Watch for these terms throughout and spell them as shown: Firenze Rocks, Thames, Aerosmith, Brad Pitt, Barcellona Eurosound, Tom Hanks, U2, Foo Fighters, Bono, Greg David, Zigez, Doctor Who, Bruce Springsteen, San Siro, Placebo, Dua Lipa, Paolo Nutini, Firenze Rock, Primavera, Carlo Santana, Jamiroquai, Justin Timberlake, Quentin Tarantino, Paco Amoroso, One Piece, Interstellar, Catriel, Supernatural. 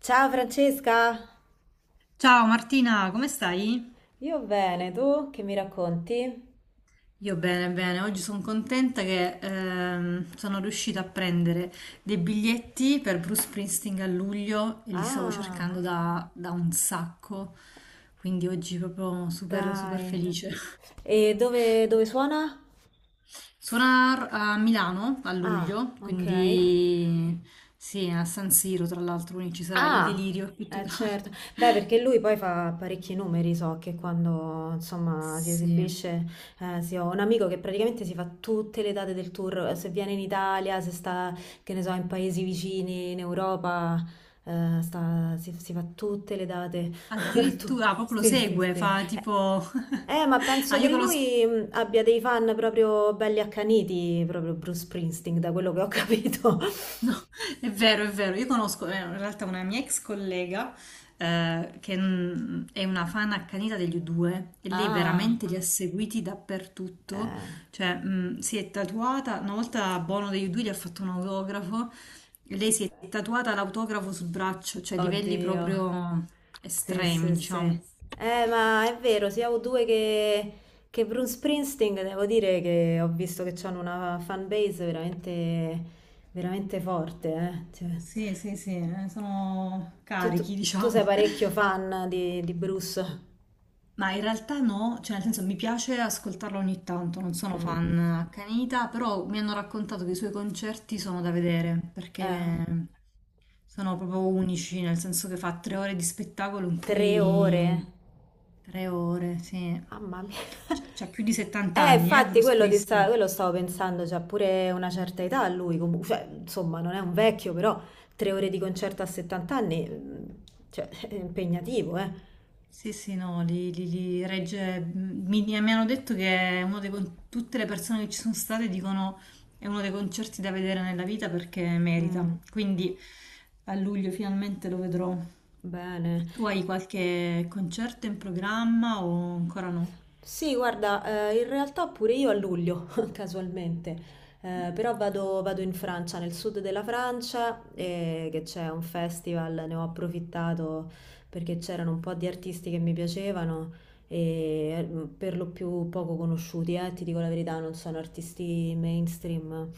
Ciao Francesca, Ciao Martina, come stai? io bene, tu che mi racconti? Io bene, bene. Oggi sono contenta che sono riuscita a prendere dei biglietti per Bruce Springsteen a luglio e li stavo Ah, cercando da un sacco, quindi oggi proprio super, super dai. felice. E dove suona? Suona a Milano a Ah, luglio, ok. quindi sì, a San Siro tra l'altro, quindi ci sarà il Ah, delirio più eh totale. certo. Beh, perché lui poi fa parecchi numeri, so che quando insomma si Sì, esibisce, sì, ho un amico che praticamente si fa tutte le date del tour, se viene in Italia, se sta, che ne so, in paesi vicini, in Europa, si fa tutte le date. Tu- addirittura proprio lo Sì, sì, segue, sì. fa tipo... Ma penso Ah, io che conosco... lui abbia dei fan proprio belli accaniti, proprio Bruce Springsteen, da quello che ho capito. No, è vero, è vero. Io conosco in realtà una mia ex collega che è una fan accanita degli U2 e lei Ah, veramente li ha seguiti dappertutto. eh. Cioè, si è tatuata, una volta a Bono degli U2 gli ha fatto un autografo, e lei si è tatuata l'autografo sul braccio, cioè livelli Oddio. proprio Sì, estremi, sì, sì. diciamo. Ma è vero, sia U2 che Bruce Springsteen, devo dire che ho visto che hanno una fanbase veramente, veramente forte, eh. Cioè, Sì, sì, sì, sono tu, tu- carichi, tu sei diciamo. parecchio fan di Bruce. Ma in realtà no, cioè nel senso mi piace ascoltarlo ogni tanto, non sono Mm. fan accanita, però mi hanno raccontato che i suoi concerti sono da vedere, Eh, perché sono proprio unici, nel senso che fa 3 ore di spettacolo in 3 ore. cui... 3 ore, sì. Mamma mia. Cioè, c'ha più di 70 anni, infatti Bruce quello, ti sta- Pristi. quello stavo pensando, c'ha pure una certa età lui, cioè, insomma, non è un vecchio, però 3 ore di concerto a 70 anni, cioè, è impegnativo, eh. Sì, sì, no, li regge. Mi hanno detto che è uno dei, con- tutte le persone che ci sono state dicono è uno dei concerti da vedere nella vita perché Mm, merita. Quindi a luglio finalmente lo vedrò. bene. Tu hai qualche concerto in programma o ancora no? Sì, guarda, in realtà pure io a luglio, casualmente, però vado in Francia, nel sud della Francia, che c'è un festival, ne ho approfittato perché c'erano un po' di artisti che mi piacevano, e per lo più poco conosciuti, ti dico la verità, non sono artisti mainstream,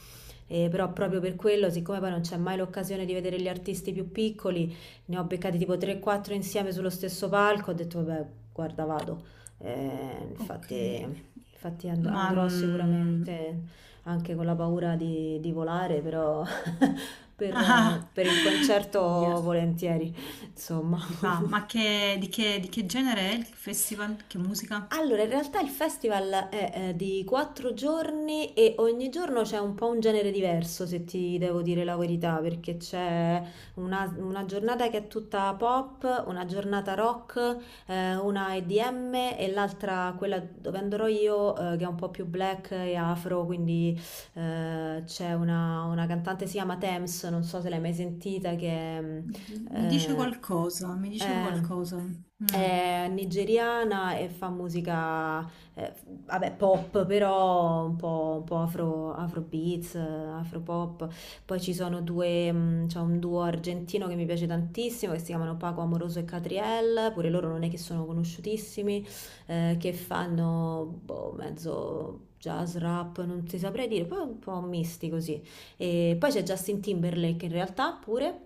però proprio per quello, siccome poi non c'è mai l'occasione di vedere gli artisti più piccoli, ne ho beccati tipo 3-4 insieme sullo stesso palco, ho detto vabbè, guarda, vado. Ok, Infatti, ma andrò sicuramente anche con la paura di volare, però per, eh, ah, per il concerto ahia, volentieri, insomma. si fa. Di di che genere è il festival? Che musica? Allora, in realtà il festival è, di 4 giorni e ogni giorno c'è un po' un genere diverso, se ti devo dire la verità, perché c'è una giornata che è tutta pop, una giornata rock, una EDM e l'altra, quella dove andrò io, che è un po' più black e afro, quindi c'è una cantante, si chiama Thames, non so se l'hai mai sentita, che Oddio, mi dice eh, qualcosa, mi dice eh, qualcosa. Mm. è nigeriana e fa musica, eh, vabbè, pop, però un po' afro, afrobeats, afropop. Poi ci sono c'è un duo argentino che mi piace tantissimo, che si chiamano Paco Amoroso e Catriel, pure loro non è che sono conosciutissimi, che fanno boh, mezzo jazz, rap, non ti saprei dire, poi un po' misti così. E poi c'è Justin Timberlake in realtà pure.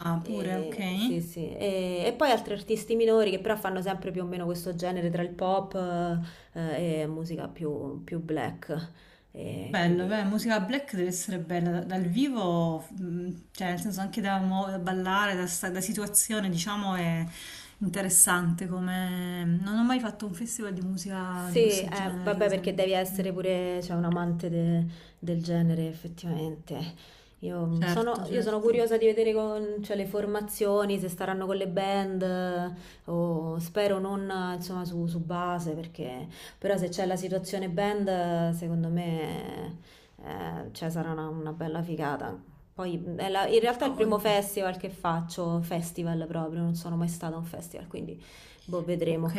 Ah, pure, ok. E, sì, sì. E poi altri artisti minori che però fanno sempre più o meno questo genere tra il pop e musica più black. E Bello, beh, quindi. musica black deve essere bella dal vivo, cioè nel senso anche da, da ballare, da, da situazione, diciamo, è interessante come... Non ho mai fatto un festival di musica Sì, di questo genere, per vabbè, perché esempio. devi Mm. essere pure, cioè, un amante del genere, effettivamente. Io mm, sono, Certo, io sono certo, curiosa di vedere cioè, le formazioni, se staranno con le band, o spero non, insomma, su base, perché però se c'è la situazione band, secondo me, cioè, sarà una bella figata. Poi, in realtà è ha il primo voglia. festival che faccio, festival proprio, non sono mai stata a un festival, quindi, boh, Ok, vedremo.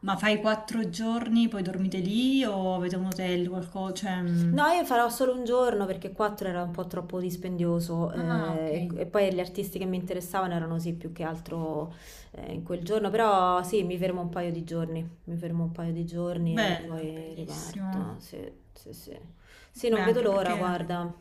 ma fai 4 giorni, poi dormite lì o avete un hotel, qualcosa? Cioè... mm. No, io farò solo un giorno perché quattro era un po' troppo dispendioso Ah, ok. e poi gli artisti che mi interessavano erano sì più che altro in quel giorno, però sì, mi fermo un paio di giorni, mi fermo un paio di giorni e Bello, poi bellissimo. riparto. Sì, sì, sì. Sì, Beh, non vedo anche l'ora, perché guarda.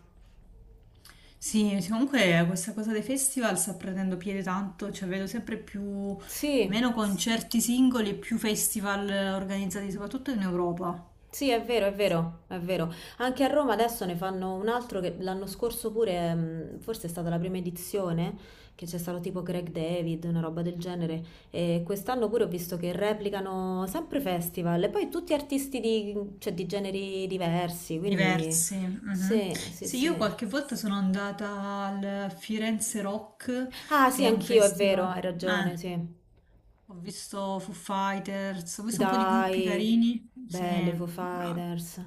sì, sì, comunque questa cosa dei festival sta prendendo piede tanto, cioè vedo sempre più Sì, meno concerti singoli e più festival organizzati, soprattutto in Europa. sì, è vero, è vero, è vero. Anche a Roma adesso ne fanno un altro che l'anno scorso pure, forse è stata la prima edizione, che c'è stato tipo Greg David, una roba del genere. E quest'anno pure ho visto che replicano sempre festival e poi tutti artisti di, cioè, di generi diversi, quindi Diversi. Mhm. sì, sì, Sì, io sì. qualche volta sono andata al Firenze Ah, Rock, che sì, è un anch'io, è vero, festival. hai ragione, sì. Ho visto Foo Fighters, ho visto un po' di gruppi Dai, carini. Sì, belle Foo bravi. Fighters.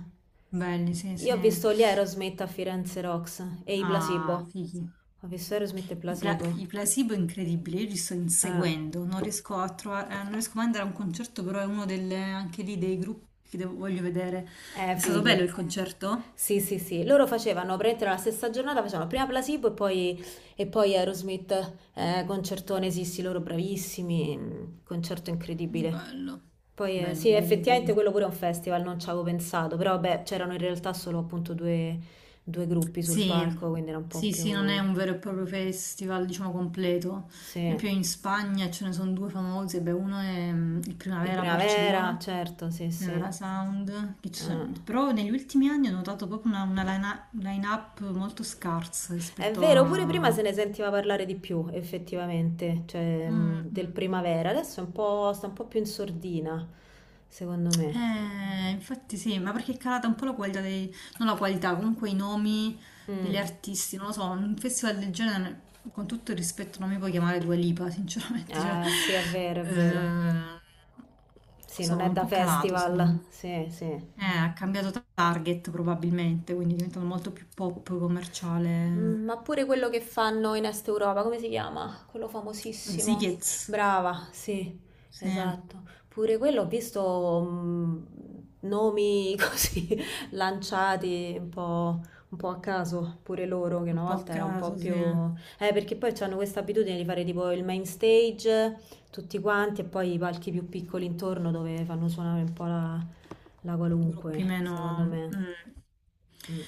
Belli, sì, Io sì. ho visto gli Aerosmith a Firenze Rocks e i Placebo. Ah, fighi. Ho visto Aerosmith e I Placebo. placebo è incredibile, io li sto Eh. inseguendo, non riesco a trovare, non riesco mai ad andare a un concerto, però è uno delle, anche lì dei gruppi che voglio vedere. È stato bello il Fighi. concerto? Sì, sì, sì. Loro facevano, praticamente nella stessa giornata, facevano prima Placebo e poi, Aerosmith, concertone, sì, sì, loro bravissimi, concerto incredibile. Bello, Poi, bello, sì, bello, effettivamente bello. quello pure è un festival, non ci avevo pensato, però beh, c'erano in realtà solo appunto due gruppi sul Sì, palco, quindi era un po' sì, sì, non è più... un vero e proprio festival, diciamo, completo. Per Sì, esempio in Spagna ce ne sono due famosi, beh, uno è il il Primavera a Primavera, Barcellona, certo, sì, sì. Eurosound, Eh. Però negli ultimi anni ho notato proprio una, line-up molto scarsa È rispetto vero, pure prima a... se ne sentiva parlare di più, effettivamente, cioè Mm, del mm. primavera. Adesso è un po', sta un po' più in sordina, secondo me. Infatti sì, ma perché è calata un po' la qualità dei... non la qualità, comunque i nomi degli Mm. artisti, non lo so, un festival del genere, con tutto il rispetto, non mi puoi chiamare Dua Lipa, sinceramente, cioè... Ah, sì, è vero, è vero. non lo Sì, non so, è è un da po' calato secondo me. festival. Sì, sì. Ha cambiato target probabilmente, quindi è diventato molto più pop commerciale. Mm, ma pure quello che fanno in Est Europa, come si chiama? Quello Lo famosissimo. Zigez, Brava, sì, sì, un esatto. Pure quello ho visto nomi così lanciati un po' a caso, pure loro, che una po' a volta era un po' caso, più... sì, perché poi hanno questa abitudine di fare tipo il main stage, tutti quanti, e poi i palchi più piccoli intorno dove fanno suonare un po' la gruppi qualunque, meno... secondo me. mm. Mm.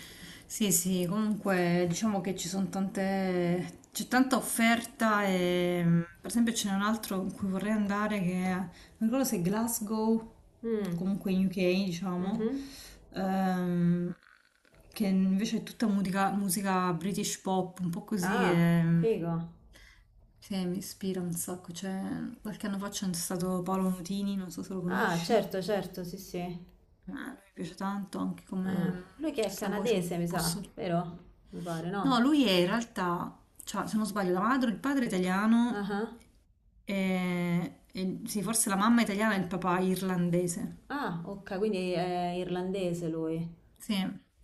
Sì, sì, comunque diciamo che ci sono tante... c'è tanta offerta e per esempio ce n'è un altro in cui vorrei andare non ricordo se è Glasgow, Mh. comunque in UK, Mh-mh. diciamo, ehm, che invece è tutta musica, musica British pop, un po' così Ah, che... figo. Sì, mi ispira un sacco. Cioè, qualche anno fa c'è stato Paolo Nutini, non so se lo Ah, conosci. Certo, certo, sì, sì. Lui mi piace tanto, anche Ah. come Lui che è questa voce canadese, un mi po' sa, vero? Mi pare, no, no? lui è in realtà, cioè, se non sbaglio, la madre, il padre è italiano Ah-ah. Ah, sì, forse la mamma è italiana e il papà è irlandese. ah, ok, quindi è irlandese lui. Sì,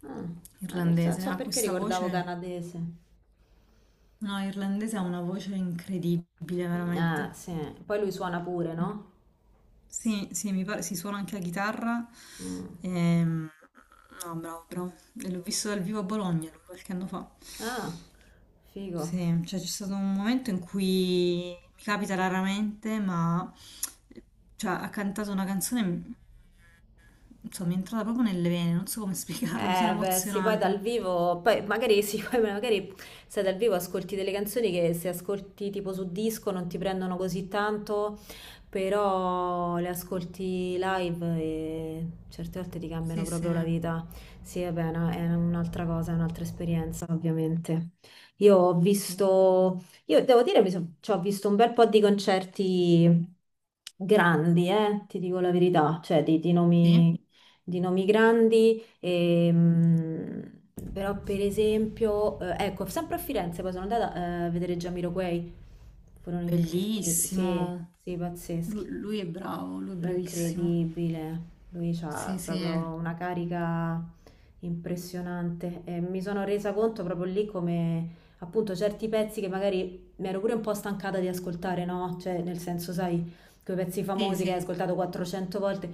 Ah, ah, non irlandese, so ha perché questa ricordavo voce. canadese. No, irlandese ha una voce incredibile, Mm, veramente. ah, sì. Poi lui suona pure, no? Sì, sì, mi pare si suona anche la chitarra. Mm. Ehm, no, bravo, bravo. E l'ho visto dal vivo a Bologna lui qualche anno fa. Ah, figo. Sì, cioè c'è stato un momento in cui mi capita raramente, ma cioè, ha cantato una canzone, insomma, mi è entrata proprio nelle vene, non so come spiegarlo, mi sono Beh, sì, poi emozionata. dal vivo, poi magari sì, poi magari se dal vivo ascolti delle canzoni che se ascolti tipo su disco non ti prendono così tanto, però le ascolti live e certe volte ti cambiano Sì, sì, proprio la vita. Sì, vabbè, è un'altra cosa, è un'altra esperienza, ovviamente. Io ho sì, sì. visto, io devo dire, cioè, ho visto un bel po' di concerti grandi, ti dico la verità, cioè di Sì, nomi grandi. Ehm, però per esempio, ecco, sempre a Firenze, poi sono andata a vedere Jamiroquai, furono incredibili, sì, bellissimo. sì, pazzeschi. Lui è bravo, lui è È bravissimo. incredibile, lui c'ha Sì, sì, proprio una carica impressionante e mi sono resa conto proprio lì come appunto certi pezzi che magari mi ero pure un po' stancata di ascoltare, no? Cioè nel senso, sai, quei pezzi sì, famosi che hai sì. ascoltato 400 volte,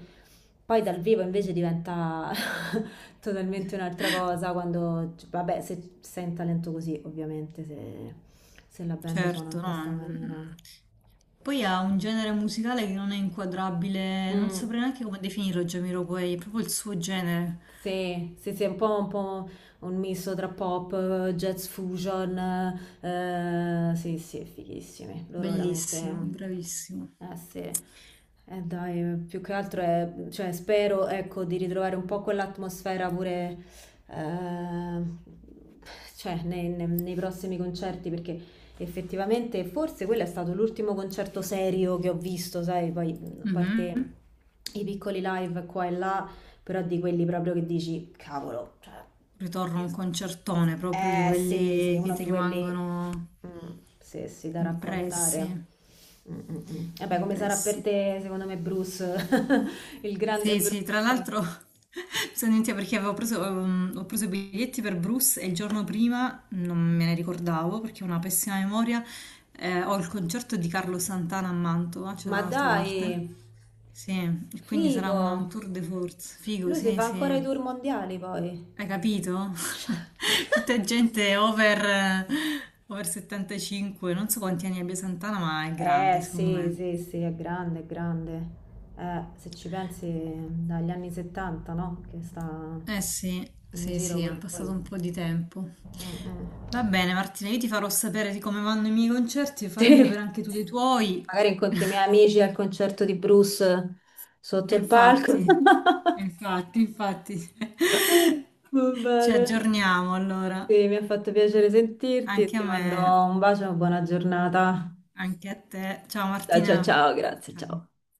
poi dal vivo invece diventa totalmente un'altra cosa quando, vabbè, se sei in talento così, ovviamente, se la band suona in Certo, no. questa maniera. Mm. Poi ha un genere musicale che non è inquadrabile, non Mm. saprei neanche come definirlo, Jamiroquai, è proprio il suo genere. Sì, sì, sì, è un po' un misto tra pop, jazz fusion, sì, sì, fighissimi, loro Bellissimo, veramente... bravissimo. Eh sì, dai, più che altro è, cioè, spero ecco, di ritrovare un po' quell'atmosfera pure eh, cioè, nei prossimi concerti perché effettivamente forse quello è stato l'ultimo concerto serio che ho visto, sai, poi a parte Mhm. i piccoli live qua e là, però di quelli proprio che dici, cavolo, cioè, ho Ritorno a un visto. concertone proprio di Eh sì, sì, quelli che uno ti di quelli, rimangono mm, sì, sì, da impressi, raccontare. Mm, mm, mm. Vabbè, come sarà per impressi. te, secondo me, Bruce, il grande Sì, Bruce. sì, tra l'altro sono venuta perché avevo preso, ho preso i biglietti per Bruce e il giorno prima non me ne ricordavo perché ho una pessima memoria. Eh, ho il concerto di Carlo Santana a Mantova, c'è Ma dall'altra dai, parte. Sì, e quindi sarà figo, un tour de force. Figo, lui si sì, fa sì. ancora i tour mondiali poi. Hai capito? Cioè. Tutta gente over, over 75, non so quanti anni abbia Santana, ma è Eh grande secondo sì, me. sì, sì, è grande, è grande. Se ci pensi, dagli anni 70, no? Che sta Eh sì, in sì, giro sì, è pure passato lui. un po' di tempo. Mm, mm. Va bene, Martina, io ti farò sapere di come vanno i miei concerti, fammi Sì, sapere anche tu dei tuoi. magari incontri i miei amici al concerto di Bruce E sotto il palco. infatti, infatti, infatti, Va ci bene. aggiorniamo allora. Sì, mi ha fatto piacere sentirti e Anche ti a mando me, un bacio e una buona giornata. anche a te. Ciao Ciao, ciao, Martina. ciao, grazie, Ciao. ciao.